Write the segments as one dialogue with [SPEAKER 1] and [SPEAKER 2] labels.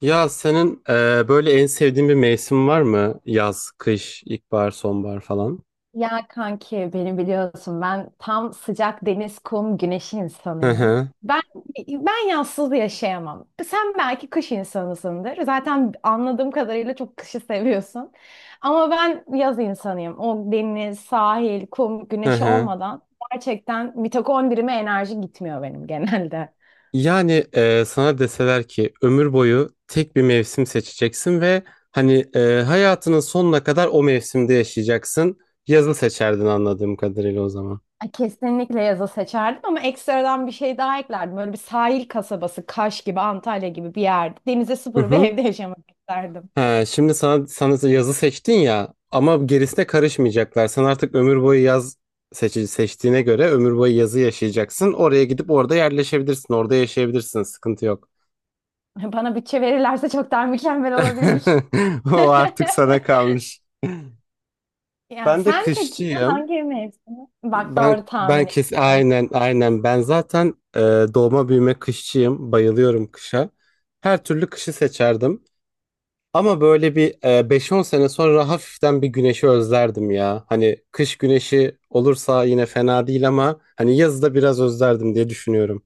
[SPEAKER 1] Ya senin böyle en sevdiğin bir mevsim var mı? Yaz, kış, ilkbahar, sonbahar falan.
[SPEAKER 2] Ya kanki beni biliyorsun ben tam sıcak deniz, kum, güneş
[SPEAKER 1] Hı
[SPEAKER 2] insanıyım.
[SPEAKER 1] hı,
[SPEAKER 2] Ben ben yazsız yaşayamam. Sen belki kış insanısındır. Zaten anladığım kadarıyla çok kışı seviyorsun. Ama ben yaz insanıyım. O deniz, sahil, kum,
[SPEAKER 1] hı
[SPEAKER 2] güneş
[SPEAKER 1] hı.
[SPEAKER 2] olmadan gerçekten mitokondrime enerji gitmiyor benim genelde.
[SPEAKER 1] Yani sana deseler ki ömür boyu tek bir mevsim seçeceksin ve hani hayatının sonuna kadar o mevsimde yaşayacaksın. Yazı seçerdin anladığım kadarıyla o zaman.
[SPEAKER 2] Ay, kesinlikle yazı seçerdim ama ekstradan bir şey daha eklerdim. Böyle bir sahil kasabası, Kaş gibi, Antalya gibi bir yerde. Denize
[SPEAKER 1] Hı
[SPEAKER 2] sıfır bir
[SPEAKER 1] hı.
[SPEAKER 2] evde yaşamak isterdim.
[SPEAKER 1] He, şimdi sana yazı seçtin ya ama gerisine karışmayacaklar. Sen artık ömür boyu seçtiğine göre ömür boyu yazı yaşayacaksın. Oraya gidip orada yerleşebilirsin. Orada yaşayabilirsin. Sıkıntı yok.
[SPEAKER 2] Bana bütçe verirlerse çok daha mükemmel olabilir.
[SPEAKER 1] O artık sana kalmış.
[SPEAKER 2] Ya
[SPEAKER 1] Ben de
[SPEAKER 2] sen peki
[SPEAKER 1] kışçıyım.
[SPEAKER 2] hangi mevsimi? Bak
[SPEAKER 1] Ben
[SPEAKER 2] doğru
[SPEAKER 1] ben
[SPEAKER 2] tahmin
[SPEAKER 1] kes,
[SPEAKER 2] ettim.
[SPEAKER 1] aynen aynen, ben zaten doğma büyüme kışçıyım. Bayılıyorum kışa. Her türlü kışı seçerdim. Ama böyle bir 5-10 sene sonra hafiften bir güneşi özlerdim ya. Hani kış güneşi olursa yine fena değil ama hani yazı da biraz özlerdim diye düşünüyorum.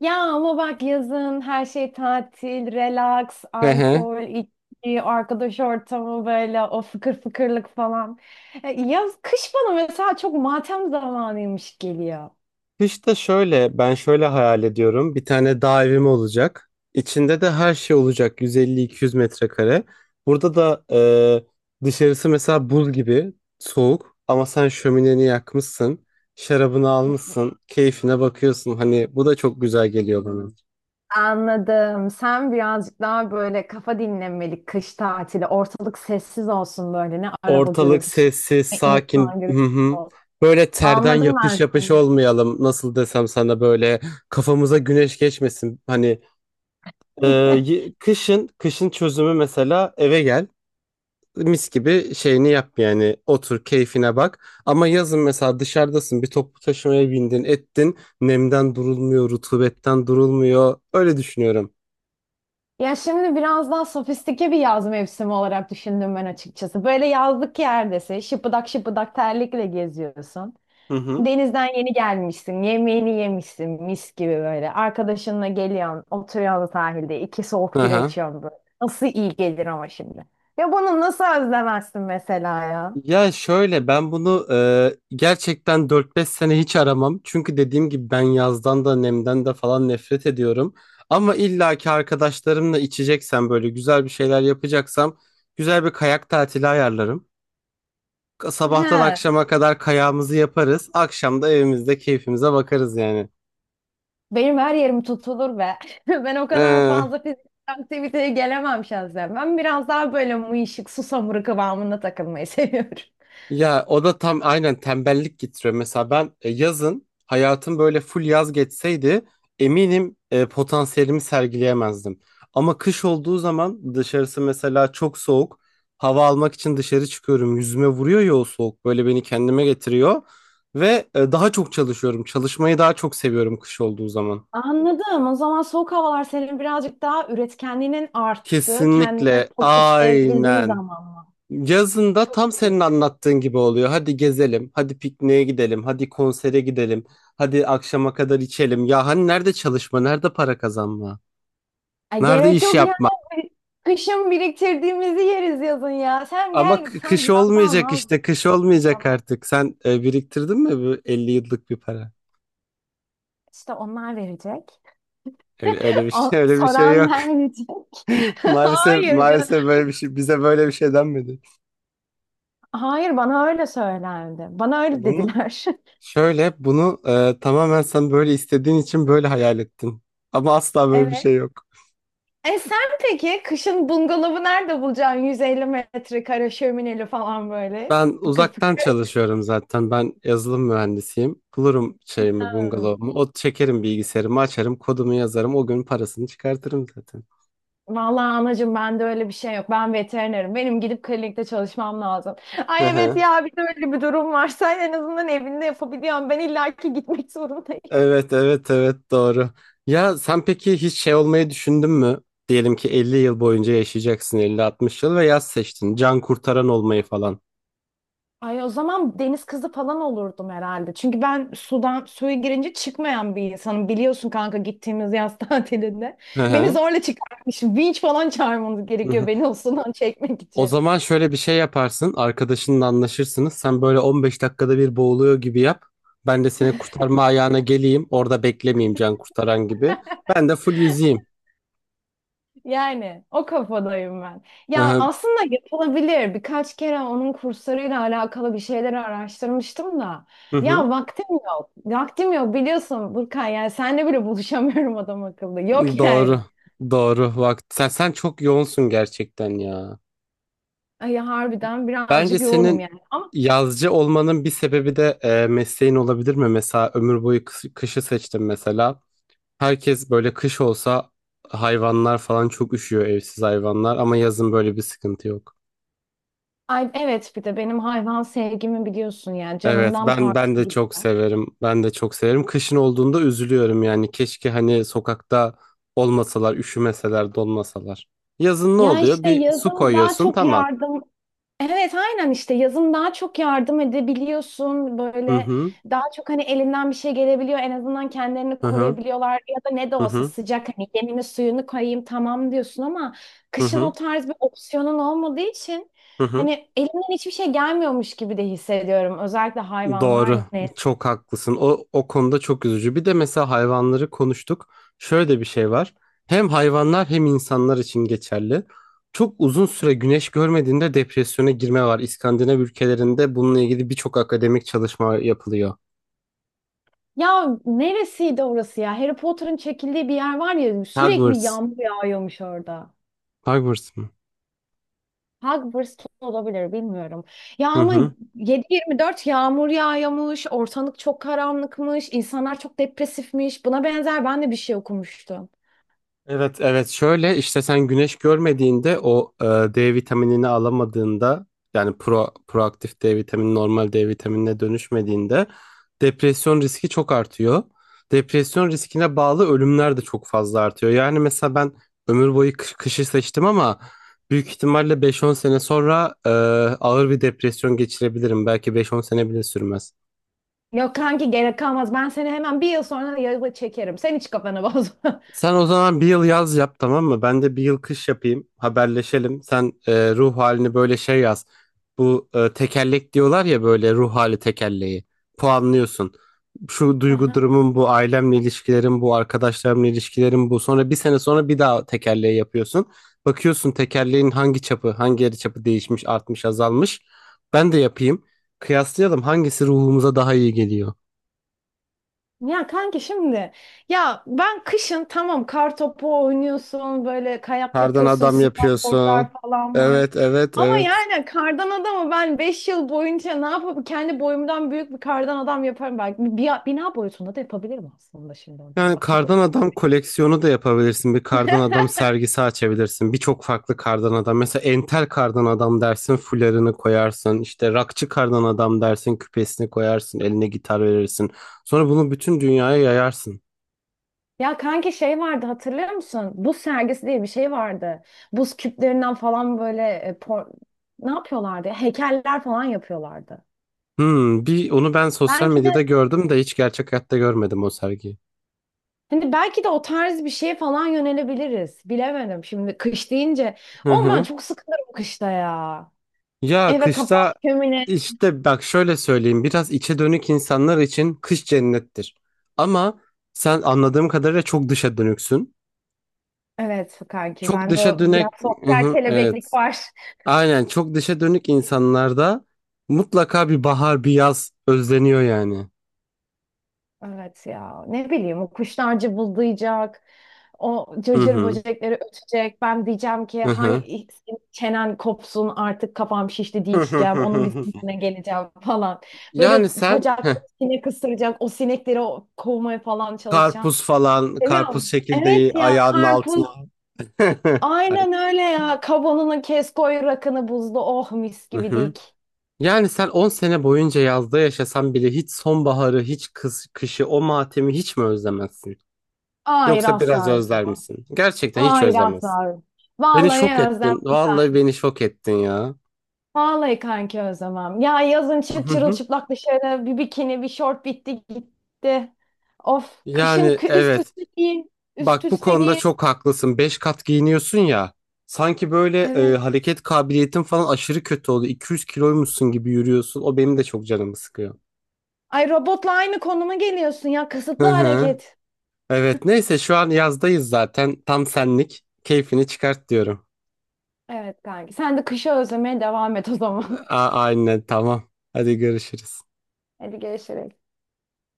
[SPEAKER 2] Ya ama bak yazın her şey tatil, relax,
[SPEAKER 1] Ehe.
[SPEAKER 2] alkol, içki, arkadaş ortamı böyle o fıkır fıkırlık falan. Yaz, kış bana mesela çok matem zamanıymış geliyor.
[SPEAKER 1] İşte şöyle ben şöyle hayal ediyorum. Bir tane dağ evim olacak. İçinde de her şey olacak, 150-200 metrekare. Burada da dışarısı mesela buz gibi soğuk ama sen şömineni yakmışsın. Şarabını almışsın, keyfine bakıyorsun. Hani bu da çok güzel geliyor.
[SPEAKER 2] Anladım. Sen birazcık daha böyle kafa dinlenmelik kış tatili. Ortalık sessiz olsun böyle. Ne araba
[SPEAKER 1] Ortalık
[SPEAKER 2] gürültüsü,
[SPEAKER 1] sessiz,
[SPEAKER 2] ne insan
[SPEAKER 1] sakin. Hı
[SPEAKER 2] gürültüsü
[SPEAKER 1] hı.
[SPEAKER 2] olsun.
[SPEAKER 1] Böyle terden
[SPEAKER 2] Anladım
[SPEAKER 1] yapış
[SPEAKER 2] ben
[SPEAKER 1] yapış
[SPEAKER 2] seni.
[SPEAKER 1] olmayalım. Nasıl desem sana, böyle kafamıza güneş geçmesin. Hani kışın kışın çözümü mesela eve gel. Mis gibi şeyini yap, yani otur keyfine bak. Ama yazın mesela dışarıdasın, bir toplu taşımaya bindin ettin. Nemden durulmuyor, rutubetten durulmuyor. Öyle düşünüyorum.
[SPEAKER 2] Ya şimdi biraz daha sofistike bir yaz mevsimi olarak düşündüm ben açıkçası. Böyle yazlık yerdesin, şıpıdak şıpıdak terlikle geziyorsun.
[SPEAKER 1] Hı hı.
[SPEAKER 2] Denizden yeni gelmişsin, yemeğini yemişsin mis gibi böyle. Arkadaşınla geliyorsun, oturuyorsun sahilde, iki soğuk bira
[SPEAKER 1] Aha.
[SPEAKER 2] içiyorsun böyle. Nasıl iyi gelir ama şimdi. Ya bunu nasıl özlemezsin mesela ya?
[SPEAKER 1] Ya şöyle, ben bunu gerçekten dört beş sene hiç aramam. Çünkü dediğim gibi ben yazdan da nemden de falan nefret ediyorum. Ama illaki arkadaşlarımla içeceksem, böyle güzel bir şeyler yapacaksam, güzel bir kayak tatili ayarlarım. Sabahtan
[SPEAKER 2] He,
[SPEAKER 1] akşama kadar kayağımızı yaparız. Akşam da evimizde keyfimize bakarız yani.
[SPEAKER 2] benim her yerim tutulur be. Ben o kadar fazla fiziksel aktiviteye gelemem şahsen. Ben biraz daha böyle mıyışık, susamuru kıvamında takılmayı seviyorum.
[SPEAKER 1] Ya o da tam aynen tembellik getiriyor. Mesela ben yazın hayatım böyle full yaz geçseydi, eminim potansiyelimi sergileyemezdim. Ama kış olduğu zaman dışarısı mesela çok soğuk. Hava almak için dışarı çıkıyorum. Yüzüme vuruyor ya o soğuk. Böyle beni kendime getiriyor. Ve daha çok çalışıyorum. Çalışmayı daha çok seviyorum kış olduğu zaman.
[SPEAKER 2] Anladım. O zaman soğuk havalar senin birazcık daha üretkenliğinin arttığı, kendine
[SPEAKER 1] Kesinlikle
[SPEAKER 2] fokuslayabildiğin
[SPEAKER 1] aynen.
[SPEAKER 2] zaman mı?
[SPEAKER 1] Yazında
[SPEAKER 2] Çok
[SPEAKER 1] tam
[SPEAKER 2] iyi.
[SPEAKER 1] senin anlattığın gibi oluyor. Hadi gezelim, hadi pikniğe gidelim, hadi konsere gidelim, hadi akşama kadar içelim. Ya hani nerede çalışma, nerede para kazanma,
[SPEAKER 2] Ay
[SPEAKER 1] nerede
[SPEAKER 2] gerek
[SPEAKER 1] iş
[SPEAKER 2] yok ya.
[SPEAKER 1] yapma?
[SPEAKER 2] Kışın biriktirdiğimizi yeriz yazın ya. Sen
[SPEAKER 1] Ama
[SPEAKER 2] gel sen
[SPEAKER 1] kış
[SPEAKER 2] yazdan
[SPEAKER 1] olmayacak işte,
[SPEAKER 2] vazgeç.
[SPEAKER 1] kış olmayacak
[SPEAKER 2] Tamam.
[SPEAKER 1] artık. Sen biriktirdin mi bu 50 yıllık bir para?
[SPEAKER 2] İşte onlar verecek.
[SPEAKER 1] Öyle, öyle bir
[SPEAKER 2] O,
[SPEAKER 1] şey, öyle bir şey
[SPEAKER 2] soran
[SPEAKER 1] yok.
[SPEAKER 2] verecek.
[SPEAKER 1] Maalesef,
[SPEAKER 2] Hayır canım.
[SPEAKER 1] maalesef böyle bir şey, bize böyle bir şey denmedi.
[SPEAKER 2] Hayır bana öyle söylendi. Bana öyle
[SPEAKER 1] Bunu
[SPEAKER 2] dediler.
[SPEAKER 1] bunu tamamen sen böyle istediğin için böyle hayal ettin. Ama asla böyle bir
[SPEAKER 2] Evet.
[SPEAKER 1] şey yok.
[SPEAKER 2] E sen peki kışın bungalovu nerede bulacaksın? 150 metrekare şömineli falan böyle.
[SPEAKER 1] Ben
[SPEAKER 2] Fıkır
[SPEAKER 1] uzaktan
[SPEAKER 2] fıkır.
[SPEAKER 1] çalışıyorum zaten. Ben yazılım mühendisiyim. Bulurum şeyimi,
[SPEAKER 2] Ha.
[SPEAKER 1] bungalovumu. O çekerim bilgisayarımı, açarım, kodumu yazarım. O gün parasını çıkartırım zaten.
[SPEAKER 2] Vallahi anacığım bende öyle bir şey yok. Ben veterinerim. Benim gidip klinikte çalışmam lazım.
[SPEAKER 1] Hı
[SPEAKER 2] Ay evet
[SPEAKER 1] hı.
[SPEAKER 2] ya bir de öyle bir durum var. Sen en azından evinde yapabiliyorsun. Ben illaki gitmek zorundayım.
[SPEAKER 1] Evet, evet, evet, doğru. Ya sen peki hiç şey olmayı düşündün mü? Diyelim ki 50 yıl boyunca yaşayacaksın, 50-60 yıl, ve yaz seçtin. Can kurtaran olmayı falan.
[SPEAKER 2] Ay o zaman deniz kızı falan olurdum herhalde. Çünkü ben sudan suya girince çıkmayan bir insanım. Biliyorsun kanka gittiğimiz yaz tatilinde.
[SPEAKER 1] Hı
[SPEAKER 2] Beni
[SPEAKER 1] hı.
[SPEAKER 2] zorla çıkartmış. Vinç falan çağırmanız gerekiyor
[SPEAKER 1] Hı.
[SPEAKER 2] beni o sudan çekmek
[SPEAKER 1] O
[SPEAKER 2] için.
[SPEAKER 1] zaman şöyle bir şey yaparsın. Arkadaşınla anlaşırsınız. Sen böyle 15 dakikada bir boğuluyor gibi yap. Ben de seni kurtarma ayağına geleyim. Orada beklemeyeyim can kurtaran gibi. Ben de full yüzeyim.
[SPEAKER 2] Yani o kafadayım ben.
[SPEAKER 1] Hı
[SPEAKER 2] Ya
[SPEAKER 1] hı.
[SPEAKER 2] aslında yapılabilir. Birkaç kere onun kurslarıyla alakalı bir şeyler araştırmıştım da.
[SPEAKER 1] Hı hı.
[SPEAKER 2] Ya vaktim yok. Vaktim yok biliyorsun Burkan. Yani seninle bile buluşamıyorum adam akıllı. Yok
[SPEAKER 1] Doğru.
[SPEAKER 2] yani.
[SPEAKER 1] Doğru. Bak sen çok yoğunsun gerçekten ya.
[SPEAKER 2] Ay harbiden
[SPEAKER 1] Bence
[SPEAKER 2] birazcık yoğunum
[SPEAKER 1] senin
[SPEAKER 2] yani. Ama
[SPEAKER 1] yazcı olmanın bir sebebi de mesleğin olabilir mi? Mesela ömür boyu kışı seçtim mesela. Herkes böyle kış olsa, hayvanlar falan çok üşüyor, evsiz hayvanlar, ama yazın böyle bir sıkıntı yok.
[SPEAKER 2] ay, evet bir de benim hayvan sevgimi biliyorsun yani.
[SPEAKER 1] Evet
[SPEAKER 2] Canımdan
[SPEAKER 1] ben
[SPEAKER 2] parça
[SPEAKER 1] ben de
[SPEAKER 2] gibi.
[SPEAKER 1] çok severim. Ben de çok severim. Kışın olduğunda üzülüyorum yani. Keşke hani sokakta olmasalar, üşümeseler, donmasalar. Yazın ne
[SPEAKER 2] Ya
[SPEAKER 1] oluyor?
[SPEAKER 2] işte
[SPEAKER 1] Bir su
[SPEAKER 2] yazın daha
[SPEAKER 1] koyuyorsun,
[SPEAKER 2] çok
[SPEAKER 1] tamam.
[SPEAKER 2] yardım Evet aynen işte yazın daha çok yardım edebiliyorsun
[SPEAKER 1] Hı
[SPEAKER 2] böyle,
[SPEAKER 1] hı.
[SPEAKER 2] daha çok hani elinden bir şey gelebiliyor, en azından kendilerini
[SPEAKER 1] Hı hı.
[SPEAKER 2] koruyabiliyorlar ya da ne de
[SPEAKER 1] Hı
[SPEAKER 2] olsa
[SPEAKER 1] hı.
[SPEAKER 2] sıcak, hani yemini suyunu koyayım tamam diyorsun, ama
[SPEAKER 1] Hı
[SPEAKER 2] kışın
[SPEAKER 1] hı.
[SPEAKER 2] o tarz bir opsiyonun olmadığı için
[SPEAKER 1] Hı hı.
[SPEAKER 2] hani elimden hiçbir şey gelmiyormuş gibi de hissediyorum, özellikle hayvanlar
[SPEAKER 1] Doğru.
[SPEAKER 2] ne.
[SPEAKER 1] Çok haklısın. O konuda çok üzücü. Bir de mesela hayvanları konuştuk. Şöyle bir şey var. Hem hayvanlar hem insanlar için geçerli. Çok uzun süre güneş görmediğinde depresyona girme var. İskandinav ülkelerinde bununla ilgili birçok akademik çalışma yapılıyor.
[SPEAKER 2] Ya neresiydi orası ya, Harry Potter'ın çekildiği bir yer var ya, sürekli
[SPEAKER 1] Hogwarts.
[SPEAKER 2] yağmur yağıyormuş orada.
[SPEAKER 1] Hogwarts mı?
[SPEAKER 2] Hogwarts olabilir bilmiyorum. Ya
[SPEAKER 1] Hı
[SPEAKER 2] ama
[SPEAKER 1] hı.
[SPEAKER 2] 7-24 yağmur yağıyormuş, ortalık çok karanlıkmış, insanlar çok depresifmiş. Buna benzer ben de bir şey okumuştum.
[SPEAKER 1] Evet evet, şöyle işte, sen güneş görmediğinde o D vitaminini alamadığında, yani proaktif D vitamini normal D vitaminine dönüşmediğinde depresyon riski çok artıyor. Depresyon riskine bağlı ölümler de çok fazla artıyor. Yani mesela ben ömür boyu kışı seçtim ama büyük ihtimalle beş-on sene sonra ağır bir depresyon geçirebilirim. Belki beş-on sene bile sürmez.
[SPEAKER 2] Yok kanki gerek kalmaz. Ben seni hemen bir yıl sonra yazı çekerim. Sen hiç kafanı bozma.
[SPEAKER 1] Sen o zaman bir yıl yaz yap, tamam mı? Ben de bir yıl kış yapayım. Haberleşelim. Sen ruh halini böyle şey yaz. Bu tekerlek diyorlar ya, böyle ruh hali tekerleği. Puanlıyorsun. Şu duygu durumum bu, ailemle ilişkilerim bu, arkadaşlarımla ilişkilerim bu. Sonra bir sene sonra bir daha tekerleği yapıyorsun. Bakıyorsun tekerleğin hangi çapı, hangi yarı çapı değişmiş, artmış, azalmış. Ben de yapayım. Kıyaslayalım hangisi ruhumuza daha iyi geliyor.
[SPEAKER 2] Ya kanki şimdi ya ben kışın tamam, kar topu oynuyorsun böyle, kayak
[SPEAKER 1] Kardan
[SPEAKER 2] yapıyorsun,
[SPEAKER 1] adam
[SPEAKER 2] snowboardlar
[SPEAKER 1] yapıyorsun.
[SPEAKER 2] falan var.
[SPEAKER 1] Evet, evet,
[SPEAKER 2] Ama
[SPEAKER 1] evet.
[SPEAKER 2] yani kardan adamı ben 5 yıl boyunca ne yapıp kendi boyumdan büyük bir kardan adam yaparım belki. Bir, bina boyutunda da yapabilirim aslında şimdi oradan
[SPEAKER 1] Yani
[SPEAKER 2] bakacak
[SPEAKER 1] kardan
[SPEAKER 2] olursun.
[SPEAKER 1] adam koleksiyonu da yapabilirsin. Bir kardan adam sergisi açabilirsin. Birçok farklı kardan adam. Mesela entel kardan adam dersin, fularını koyarsın. İşte rockçı kardan adam dersin, küpesini koyarsın, eline gitar verirsin. Sonra bunu bütün dünyaya yayarsın.
[SPEAKER 2] Ya kanki şey vardı hatırlıyor musun? Buz sergisi diye bir şey vardı. Buz küplerinden falan böyle ne yapıyorlardı ya? Heykeller falan yapıyorlardı.
[SPEAKER 1] Hmm, bir onu ben sosyal
[SPEAKER 2] Belki
[SPEAKER 1] medyada
[SPEAKER 2] de
[SPEAKER 1] gördüm de hiç gerçek hayatta görmedim o sergiyi.
[SPEAKER 2] Şimdi belki de o tarz bir şeye falan yönelebiliriz. Bilemedim. Şimdi kış deyince.
[SPEAKER 1] Hı
[SPEAKER 2] Oğlum ben
[SPEAKER 1] hı.
[SPEAKER 2] çok sıkılırım kışta ya.
[SPEAKER 1] Ya
[SPEAKER 2] Eve kapan
[SPEAKER 1] kışta
[SPEAKER 2] kömine.
[SPEAKER 1] işte, bak şöyle söyleyeyim. Biraz içe dönük insanlar için kış cennettir. Ama sen anladığım kadarıyla çok dışa dönüksün.
[SPEAKER 2] Evet kanki
[SPEAKER 1] Çok
[SPEAKER 2] bende
[SPEAKER 1] dışa
[SPEAKER 2] o biraz
[SPEAKER 1] dönük. Hı
[SPEAKER 2] sosyal
[SPEAKER 1] hı,
[SPEAKER 2] kelebeklik
[SPEAKER 1] evet.
[SPEAKER 2] var.
[SPEAKER 1] Aynen, çok dışa dönük insanlarda mutlaka bir bahar, bir yaz özleniyor yani.
[SPEAKER 2] Evet ya ne bileyim o kuşlar cıvıldayacak. O
[SPEAKER 1] Hı
[SPEAKER 2] cırcır
[SPEAKER 1] hı.
[SPEAKER 2] böcekleri ötecek. Ben diyeceğim ki
[SPEAKER 1] Hı hı.
[SPEAKER 2] hay senin çenen kopsun artık kafam şişti diyeceğim. Onun bir sinirine geleceğim falan.
[SPEAKER 1] Yani
[SPEAKER 2] Böyle
[SPEAKER 1] sen,
[SPEAKER 2] bacaklarım sinek ısıracak. O sinekleri kovmaya falan çalışacağım.
[SPEAKER 1] karpuz falan, karpuz
[SPEAKER 2] Seviyorum.
[SPEAKER 1] çekirdeği
[SPEAKER 2] Evet ya
[SPEAKER 1] ayağının altına.
[SPEAKER 2] karpuz.
[SPEAKER 1] Aynen.
[SPEAKER 2] Aynen öyle ya. Kavanını kes koy rakını buzlu. Oh mis
[SPEAKER 1] Hı
[SPEAKER 2] gibi
[SPEAKER 1] hı.
[SPEAKER 2] dik.
[SPEAKER 1] Yani sen 10 sene boyunca yazda yaşasan bile hiç sonbaharı, hiç kışı, o matemi hiç mi özlemezsin?
[SPEAKER 2] Hayır
[SPEAKER 1] Yoksa biraz
[SPEAKER 2] asla
[SPEAKER 1] özler
[SPEAKER 2] özlemem.
[SPEAKER 1] misin? Gerçekten hiç
[SPEAKER 2] Hayır asla
[SPEAKER 1] özlemezsin.
[SPEAKER 2] özlemem.
[SPEAKER 1] Beni şok
[SPEAKER 2] Vallahi özlem.
[SPEAKER 1] ettin. Vallahi beni şok ettin ya.
[SPEAKER 2] Vallahi kanki özlemem. Ya yazın çık
[SPEAKER 1] Hı hı.
[SPEAKER 2] çırılçıplak dışarı bir bikini bir şort bitti gitti. Of kışın
[SPEAKER 1] Yani
[SPEAKER 2] kı- üst
[SPEAKER 1] evet.
[SPEAKER 2] üste giyin. Üst
[SPEAKER 1] Bak bu
[SPEAKER 2] üste
[SPEAKER 1] konuda
[SPEAKER 2] giyin.
[SPEAKER 1] çok haklısın. Beş kat giyiniyorsun ya. Sanki böyle
[SPEAKER 2] Evet.
[SPEAKER 1] hareket kabiliyetin falan aşırı kötü oldu. 200 kiloymuşsun gibi yürüyorsun. O benim de çok canımı sıkıyor.
[SPEAKER 2] Ay robotla aynı konuma geliyorsun ya. Kısıtlı
[SPEAKER 1] Hı hı.
[SPEAKER 2] hareket.
[SPEAKER 1] Evet, neyse şu an yazdayız zaten. Tam senlik. Keyfini çıkart diyorum.
[SPEAKER 2] Evet kanki. Sen de kışı özlemeye devam et o zaman.
[SPEAKER 1] Aynen tamam. Hadi görüşürüz.
[SPEAKER 2] Hadi görüşürüz.